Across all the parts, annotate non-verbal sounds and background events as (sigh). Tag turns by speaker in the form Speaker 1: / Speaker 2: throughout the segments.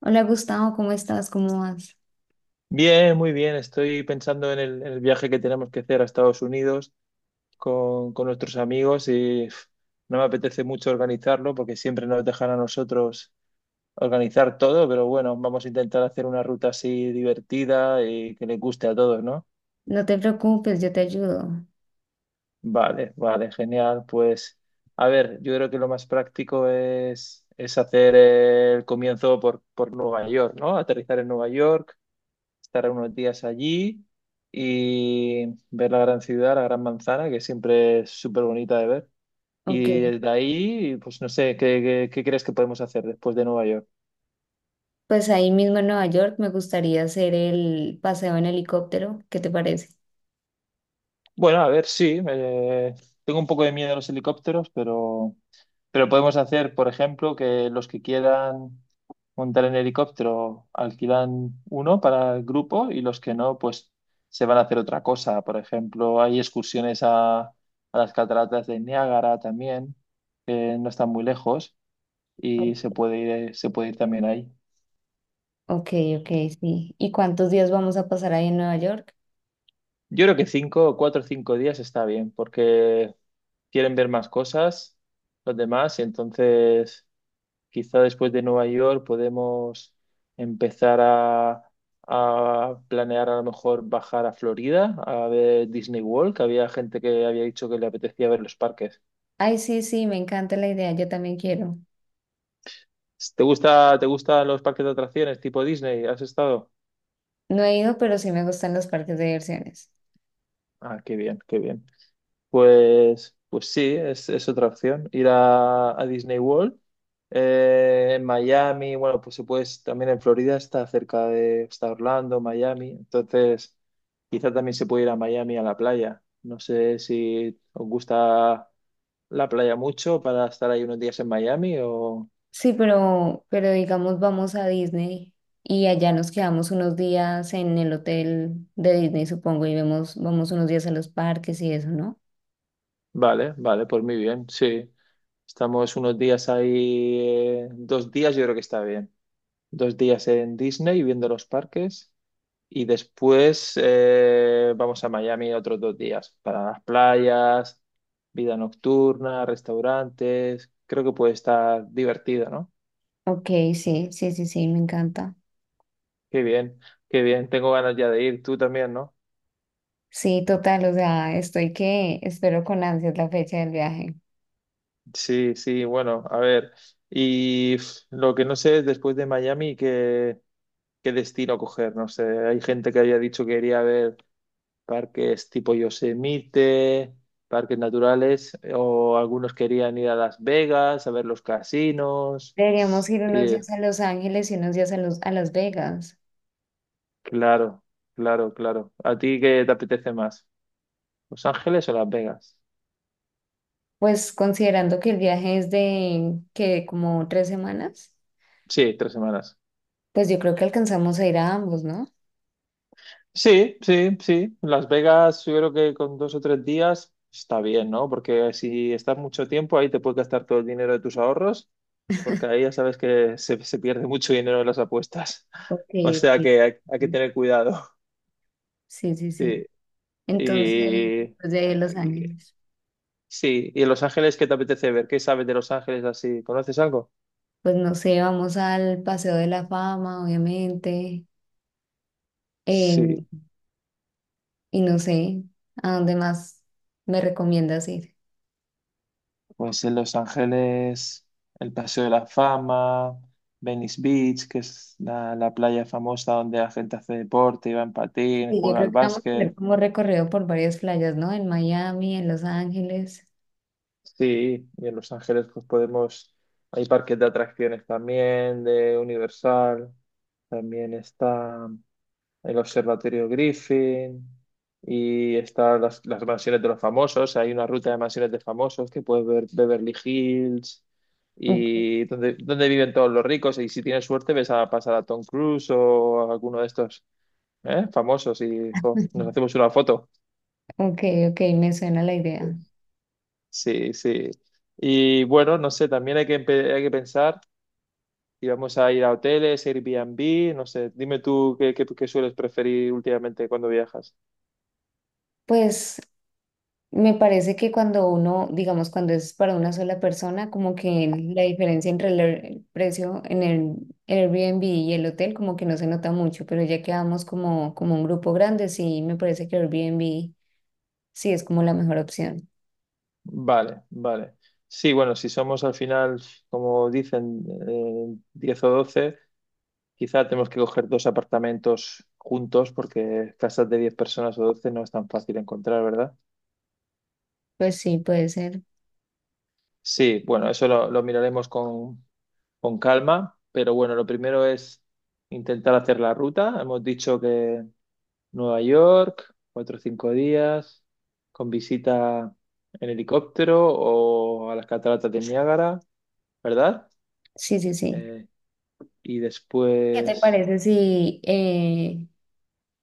Speaker 1: Hola Gustavo, ¿cómo estás? ¿Cómo vas?
Speaker 2: Bien, muy bien. Estoy pensando en el viaje que tenemos que hacer a Estados Unidos con nuestros amigos y uf, no me apetece mucho organizarlo porque siempre nos dejan a nosotros organizar todo, pero bueno, vamos a intentar hacer una ruta así divertida y que le guste a todos, ¿no?
Speaker 1: No te preocupes, yo te ayudo.
Speaker 2: Vale, vale, genial. Pues a ver, yo creo que lo más práctico es hacer el comienzo por Nueva York, ¿no? Aterrizar en Nueva York, estar unos días allí y ver la gran ciudad, la gran manzana, que siempre es súper bonita de ver. Y
Speaker 1: Ok,
Speaker 2: desde ahí, pues no sé, ¿qué crees que podemos hacer después de Nueva York?
Speaker 1: pues ahí mismo en Nueva York me gustaría hacer el paseo en helicóptero, ¿qué te parece?
Speaker 2: Bueno, a ver, sí, tengo un poco de miedo a los helicópteros, pero podemos hacer, por ejemplo, que los que quieran montar en helicóptero alquilan uno para el grupo y los que no, pues se van a hacer otra cosa. Por ejemplo, hay excursiones a las cataratas de Niágara también, que no están muy lejos y se
Speaker 1: O-
Speaker 2: puede ir, se puede ir también ahí.
Speaker 1: Ok, ok, sí. ¿Y cuántos días vamos a pasar ahí en Nueva York?
Speaker 2: Yo creo que cinco, cuatro o cinco días está bien, porque quieren ver más cosas los demás, y entonces quizá después de Nueva York podemos empezar a planear a lo mejor bajar a Florida a ver Disney World, que había gente que había dicho que le apetecía ver los parques.
Speaker 1: Ay, sí, sí, me encanta la idea, yo también quiero.
Speaker 2: ¿Te gusta, te gustan los parques de atracciones tipo Disney? ¿Has estado?
Speaker 1: No he ido, pero sí me gustan los parques de diversiones.
Speaker 2: Ah, qué bien, qué bien. Pues, pues sí, es otra opción. Ir a Disney World. En Miami, bueno, pues se puede, también en Florida está cerca de, está Orlando, Miami. Entonces, quizá también se puede ir a Miami a la playa. No sé si os gusta la playa mucho para estar ahí unos días en Miami o...
Speaker 1: Sí, pero digamos vamos a Disney y allá nos quedamos unos días en el hotel de Disney, supongo, y vemos, vamos unos días a los parques y eso, ¿no?
Speaker 2: Vale, vale, pues muy bien, sí. Estamos unos días ahí, dos días yo creo que está bien. Dos días en Disney viendo los parques. Y después vamos a Miami otros dos días para las playas, vida nocturna, restaurantes. Creo que puede estar divertido, ¿no?
Speaker 1: Ok, sí, sí, sí, sí, me encanta.
Speaker 2: Qué bien, qué bien. Tengo ganas ya de ir. Tú también, ¿no?
Speaker 1: Sí, total, o sea, estoy que espero con ansias la fecha del viaje.
Speaker 2: Sí, sí, bueno, a ver. Y pf, lo que no sé es después de Miami qué destino coger. No sé, hay gente que había dicho que quería ver parques tipo Yosemite, parques naturales, o algunos querían ir a Las Vegas a ver los casinos.
Speaker 1: Deberíamos ir unos
Speaker 2: Y,
Speaker 1: días a Los Ángeles y unos días a, los, a Las Vegas.
Speaker 2: claro, claro, claro. ¿A ti qué te apetece más? ¿Los Ángeles o Las Vegas?
Speaker 1: Pues considerando que el viaje es de que como tres semanas,
Speaker 2: Sí, tres semanas.
Speaker 1: pues yo creo que alcanzamos a ir a ambos, ¿no?
Speaker 2: Sí, sí, sí. Las Vegas, yo creo que con dos o tres días está bien, ¿no? Porque si estás mucho tiempo ahí te puedes gastar todo el dinero de tus ahorros, porque ahí ya sabes que se pierde mucho dinero en las apuestas. (laughs) O
Speaker 1: Porque
Speaker 2: sea
Speaker 1: pues,
Speaker 2: que hay que tener cuidado.
Speaker 1: sí, sí, sí.
Speaker 2: Sí,
Speaker 1: Entonces,
Speaker 2: y,
Speaker 1: pues de Los
Speaker 2: y-
Speaker 1: Ángeles.
Speaker 2: sí, y en Los Ángeles, ¿qué te apetece ver? ¿Qué sabes de Los Ángeles así? ¿Conoces algo?
Speaker 1: Pues no sé, vamos al Paseo de la Fama, obviamente.
Speaker 2: Sí,
Speaker 1: Y no sé a dónde más me recomiendas ir.
Speaker 2: pues en Los Ángeles, el Paseo de la Fama, Venice Beach, que es la playa famosa donde la gente hace deporte, va en patín,
Speaker 1: Sí, yo
Speaker 2: juega
Speaker 1: creo
Speaker 2: al
Speaker 1: que vamos a hacer
Speaker 2: básquet.
Speaker 1: como recorrido por varias playas, ¿no? En Miami, en Los Ángeles.
Speaker 2: Sí, y en Los Ángeles pues podemos, hay parques de atracciones también, de Universal, también está... el Observatorio Griffin y están las mansiones de los famosos. Hay una ruta de mansiones de famosos que puedes ver Beverly Hills
Speaker 1: Ok,
Speaker 2: y donde, donde viven todos los ricos. Y si tienes suerte, ves a pasar a Tom Cruise o a alguno de estos, ¿eh? Famosos y jo, nos hacemos una foto.
Speaker 1: ok, ok, me suena la idea.
Speaker 2: Sí, sí. Y bueno, no sé, también hay que, hay que pensar si vamos a ir a hoteles, Airbnb, no sé, dime tú qué sueles preferir últimamente cuando viajas.
Speaker 1: Pues me parece que cuando uno, digamos, cuando es para una sola persona, como que la diferencia entre el precio en el Airbnb y el hotel como que no se nota mucho, pero ya que vamos como, como un grupo grande, sí, me parece que Airbnb sí es como la mejor opción.
Speaker 2: Vale, vale. Sí, bueno, si somos al final, como dicen, 10 o 12 quizá tenemos que coger dos apartamentos juntos porque casas de 10 personas o 12 no es tan fácil encontrar, ¿verdad?
Speaker 1: Pues sí, puede ser.
Speaker 2: Sí, bueno, eso lo miraremos con calma, pero bueno, lo primero es intentar hacer la ruta. Hemos dicho que Nueva York, cuatro o cinco días, con visita en helicóptero o a las cataratas de Niágara, ¿verdad?
Speaker 1: Sí, sí, sí.
Speaker 2: Eh, Y
Speaker 1: ¿Qué te
Speaker 2: después...
Speaker 1: parece si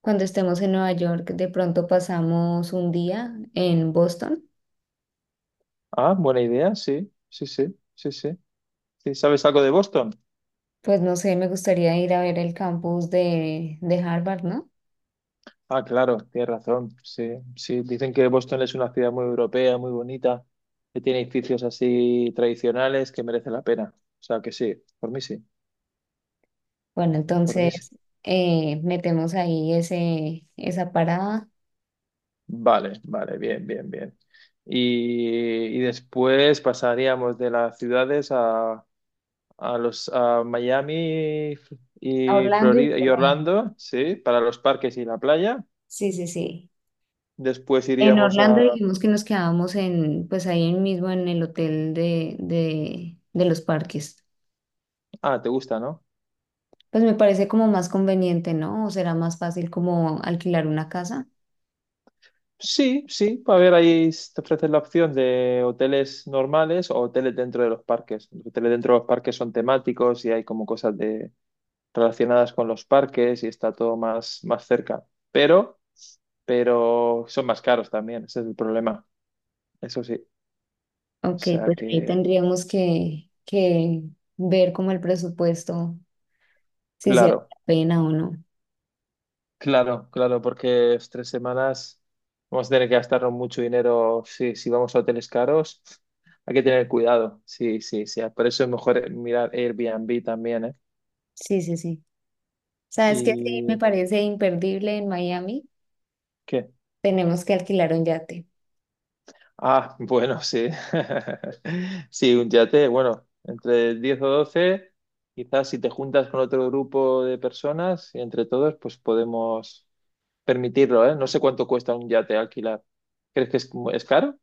Speaker 1: cuando estemos en Nueva York de pronto pasamos un día en Boston?
Speaker 2: Ah, buena idea, sí, sí, sí, sí, sí. Sí, ¿sabes algo de Boston?
Speaker 1: Pues no sé, me gustaría ir a ver el campus de Harvard, ¿no?
Speaker 2: Ah, claro, tienes razón. Sí, sí, dicen que Boston es una ciudad muy europea, muy bonita, que tiene edificios así tradicionales que merece la pena. O sea que sí, por mí sí,
Speaker 1: Bueno,
Speaker 2: por mí
Speaker 1: entonces
Speaker 2: sí.
Speaker 1: metemos ahí esa parada
Speaker 2: Vale, vale, bien, bien, bien. Y después pasaríamos de las ciudades a Miami
Speaker 1: a
Speaker 2: y
Speaker 1: Orlando y
Speaker 2: Florida y
Speaker 1: luego Miami.
Speaker 2: Orlando, sí, para los parques y la playa.
Speaker 1: Sí, sí, sí.
Speaker 2: Después
Speaker 1: En
Speaker 2: iríamos
Speaker 1: Orlando
Speaker 2: a...
Speaker 1: dijimos que nos quedábamos en, pues ahí mismo en el hotel de los parques.
Speaker 2: Ah, ¿te gusta, no?
Speaker 1: Pues me parece como más conveniente, ¿no? ¿O será más fácil como alquilar una casa?
Speaker 2: Sí, sí. A ver, ahí te ofrecen la opción de hoteles normales o hoteles dentro de los parques. Los hoteles dentro de los parques son temáticos y hay como cosas de... relacionadas con los parques y está todo más, más cerca. Pero, pero son más caros también, ese es el problema. Eso sí. O
Speaker 1: Ok,
Speaker 2: sea
Speaker 1: pues ahí
Speaker 2: que,
Speaker 1: tendríamos que ver como el presupuesto, si se vale
Speaker 2: claro.
Speaker 1: la pena o no.
Speaker 2: Claro, claro, porque es tres semanas, vamos a tener que gastarnos mucho dinero si vamos a hoteles caros. Hay que tener cuidado. Sí, sí, sí. Por eso es mejor mirar Airbnb también, ¿eh?
Speaker 1: Sí, sí, sí. ¿Sabes qué? Sí, me
Speaker 2: ¿Y
Speaker 1: parece imperdible en Miami.
Speaker 2: qué?
Speaker 1: Tenemos que alquilar un yate.
Speaker 2: Ah, bueno, sí. (laughs) Sí, un yate, bueno, entre 10 o 12, quizás si te juntas con otro grupo de personas y entre todos, pues podemos permitirlo, ¿eh? No sé cuánto cuesta un yate alquilar. ¿Crees que es caro?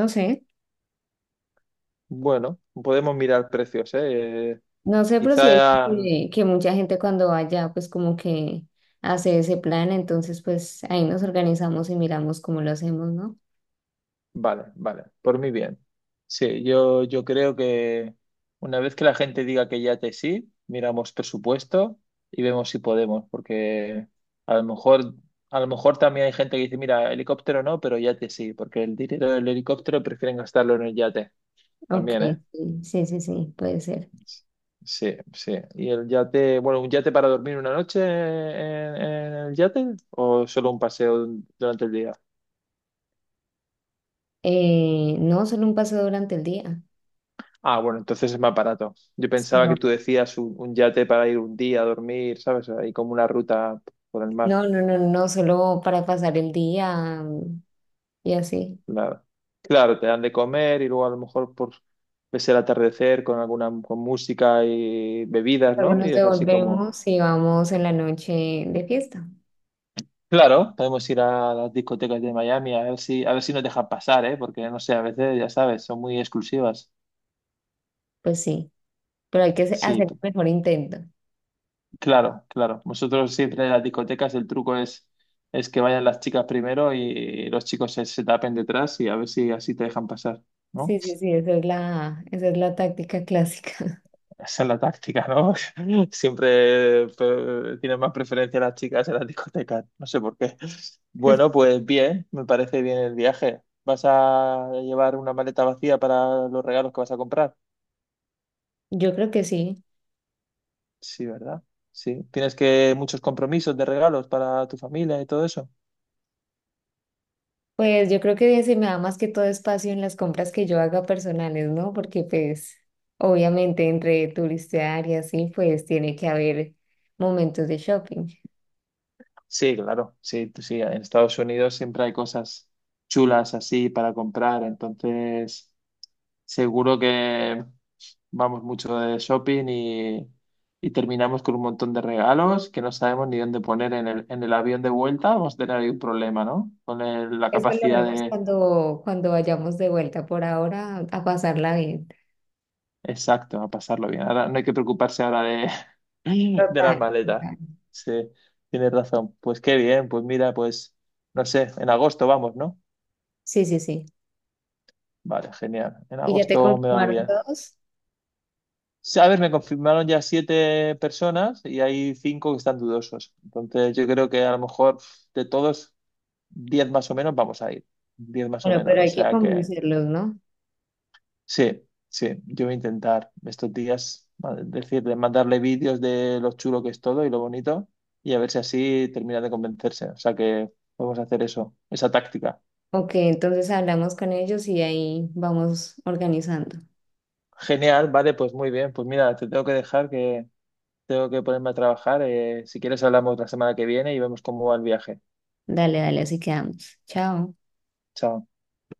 Speaker 1: No sé,
Speaker 2: Bueno, podemos mirar precios, ¿eh?
Speaker 1: no sé, pero sí es
Speaker 2: Quizá,
Speaker 1: que mucha gente cuando vaya, pues como que hace ese plan, entonces pues ahí nos organizamos y miramos cómo lo hacemos, ¿no?
Speaker 2: vale, vale, por mí bien. Sí, yo creo que una vez que la gente diga que ya que sí, miramos presupuesto y vemos si podemos, porque a lo mejor, a lo mejor también hay gente que dice, mira, helicóptero no, pero yate sí, porque el dinero del helicóptero prefieren gastarlo en el yate
Speaker 1: Ok,
Speaker 2: también, ¿eh?
Speaker 1: sí, sí, sí, sí, puede ser.
Speaker 2: Sí, sí. ¿Y el yate, bueno, un, yate para dormir una noche en el yate o solo un paseo durante el día?
Speaker 1: No, solo un paseo durante el día.
Speaker 2: Ah, bueno, entonces es más barato. Yo
Speaker 1: Sí,
Speaker 2: pensaba que tú decías un yate para ir un día a dormir, ¿sabes? Ahí como una ruta por el mar.
Speaker 1: no, no, no, no, solo para pasar el día, y así.
Speaker 2: Nada. Claro, te dan de comer y luego a lo mejor por ves el atardecer con alguna con música y bebidas,
Speaker 1: Luego
Speaker 2: ¿no? Y
Speaker 1: nos
Speaker 2: es así como
Speaker 1: devolvemos y vamos en la noche de fiesta.
Speaker 2: claro, podemos ir a las discotecas de Miami a ver si nos dejan pasar, ¿eh? Porque no sé, a veces, ya sabes, son muy exclusivas.
Speaker 1: Pues sí, pero hay que
Speaker 2: Sí,
Speaker 1: hacer el mejor intento.
Speaker 2: claro, claro. Nosotros siempre en las discotecas el truco es que vayan las chicas primero y los chicos se tapen detrás y a ver si así te dejan pasar,
Speaker 1: Sí,
Speaker 2: ¿no?
Speaker 1: sí, sí, esa es la táctica clásica.
Speaker 2: Esa es la táctica, ¿no? (laughs) Siempre tienen más preferencia las chicas en las discotecas, no sé por qué. Bueno, pues bien, me parece bien el viaje. ¿Vas a llevar una maleta vacía para los regalos que vas a comprar?
Speaker 1: (laughs) Yo creo que sí.
Speaker 2: Sí, ¿verdad? Sí. ¿Tienes que muchos compromisos de regalos para tu familia y todo eso?
Speaker 1: Pues yo creo que se me da más que todo espacio en las compras que yo haga personales, ¿no? Porque pues obviamente entre turistear y así, pues tiene que haber momentos de shopping.
Speaker 2: Sí, claro, sí, sí. En Estados Unidos siempre hay cosas chulas así para comprar, entonces. Seguro que vamos mucho de shopping y terminamos con un montón de regalos que no sabemos ni dónde poner en en el avión de vuelta. Vamos a tener ahí un problema, ¿no? Con la
Speaker 1: Eso lo
Speaker 2: capacidad
Speaker 1: vemos
Speaker 2: de...
Speaker 1: cuando, cuando vayamos de vuelta. Por ahora, a pasarla bien.
Speaker 2: Exacto, a pasarlo bien. Ahora no hay que preocuparse ahora de, (laughs) de las
Speaker 1: Total,
Speaker 2: maletas.
Speaker 1: total.
Speaker 2: Sí, tienes razón. Pues qué bien, pues mira, pues no sé, en agosto vamos, ¿no?
Speaker 1: Sí, sí, sí.
Speaker 2: Vale, genial. En
Speaker 1: ¿Y ya te
Speaker 2: agosto me va
Speaker 1: confirmaron
Speaker 2: bien.
Speaker 1: todos?
Speaker 2: Sí, a ver, me confirmaron ya siete personas y hay cinco que están dudosos. Entonces, yo creo que a lo mejor de todos, diez más o menos vamos a ir. Diez más o
Speaker 1: Bueno,
Speaker 2: menos.
Speaker 1: pero
Speaker 2: O
Speaker 1: hay que
Speaker 2: sea que
Speaker 1: convencerlos, ¿no?
Speaker 2: sí, sí, yo voy a intentar estos días mandarle vídeos de lo chulo que es todo y lo bonito y a ver si así termina de convencerse. O sea que vamos a hacer eso, esa táctica.
Speaker 1: Ok, entonces hablamos con ellos y ahí vamos organizando.
Speaker 2: Genial, vale, pues muy bien. Pues mira, te tengo que dejar que tengo que ponerme a trabajar. Si quieres, hablamos la semana que viene y vemos cómo va el viaje.
Speaker 1: Dale, dale, así quedamos. Chao.
Speaker 2: Chao.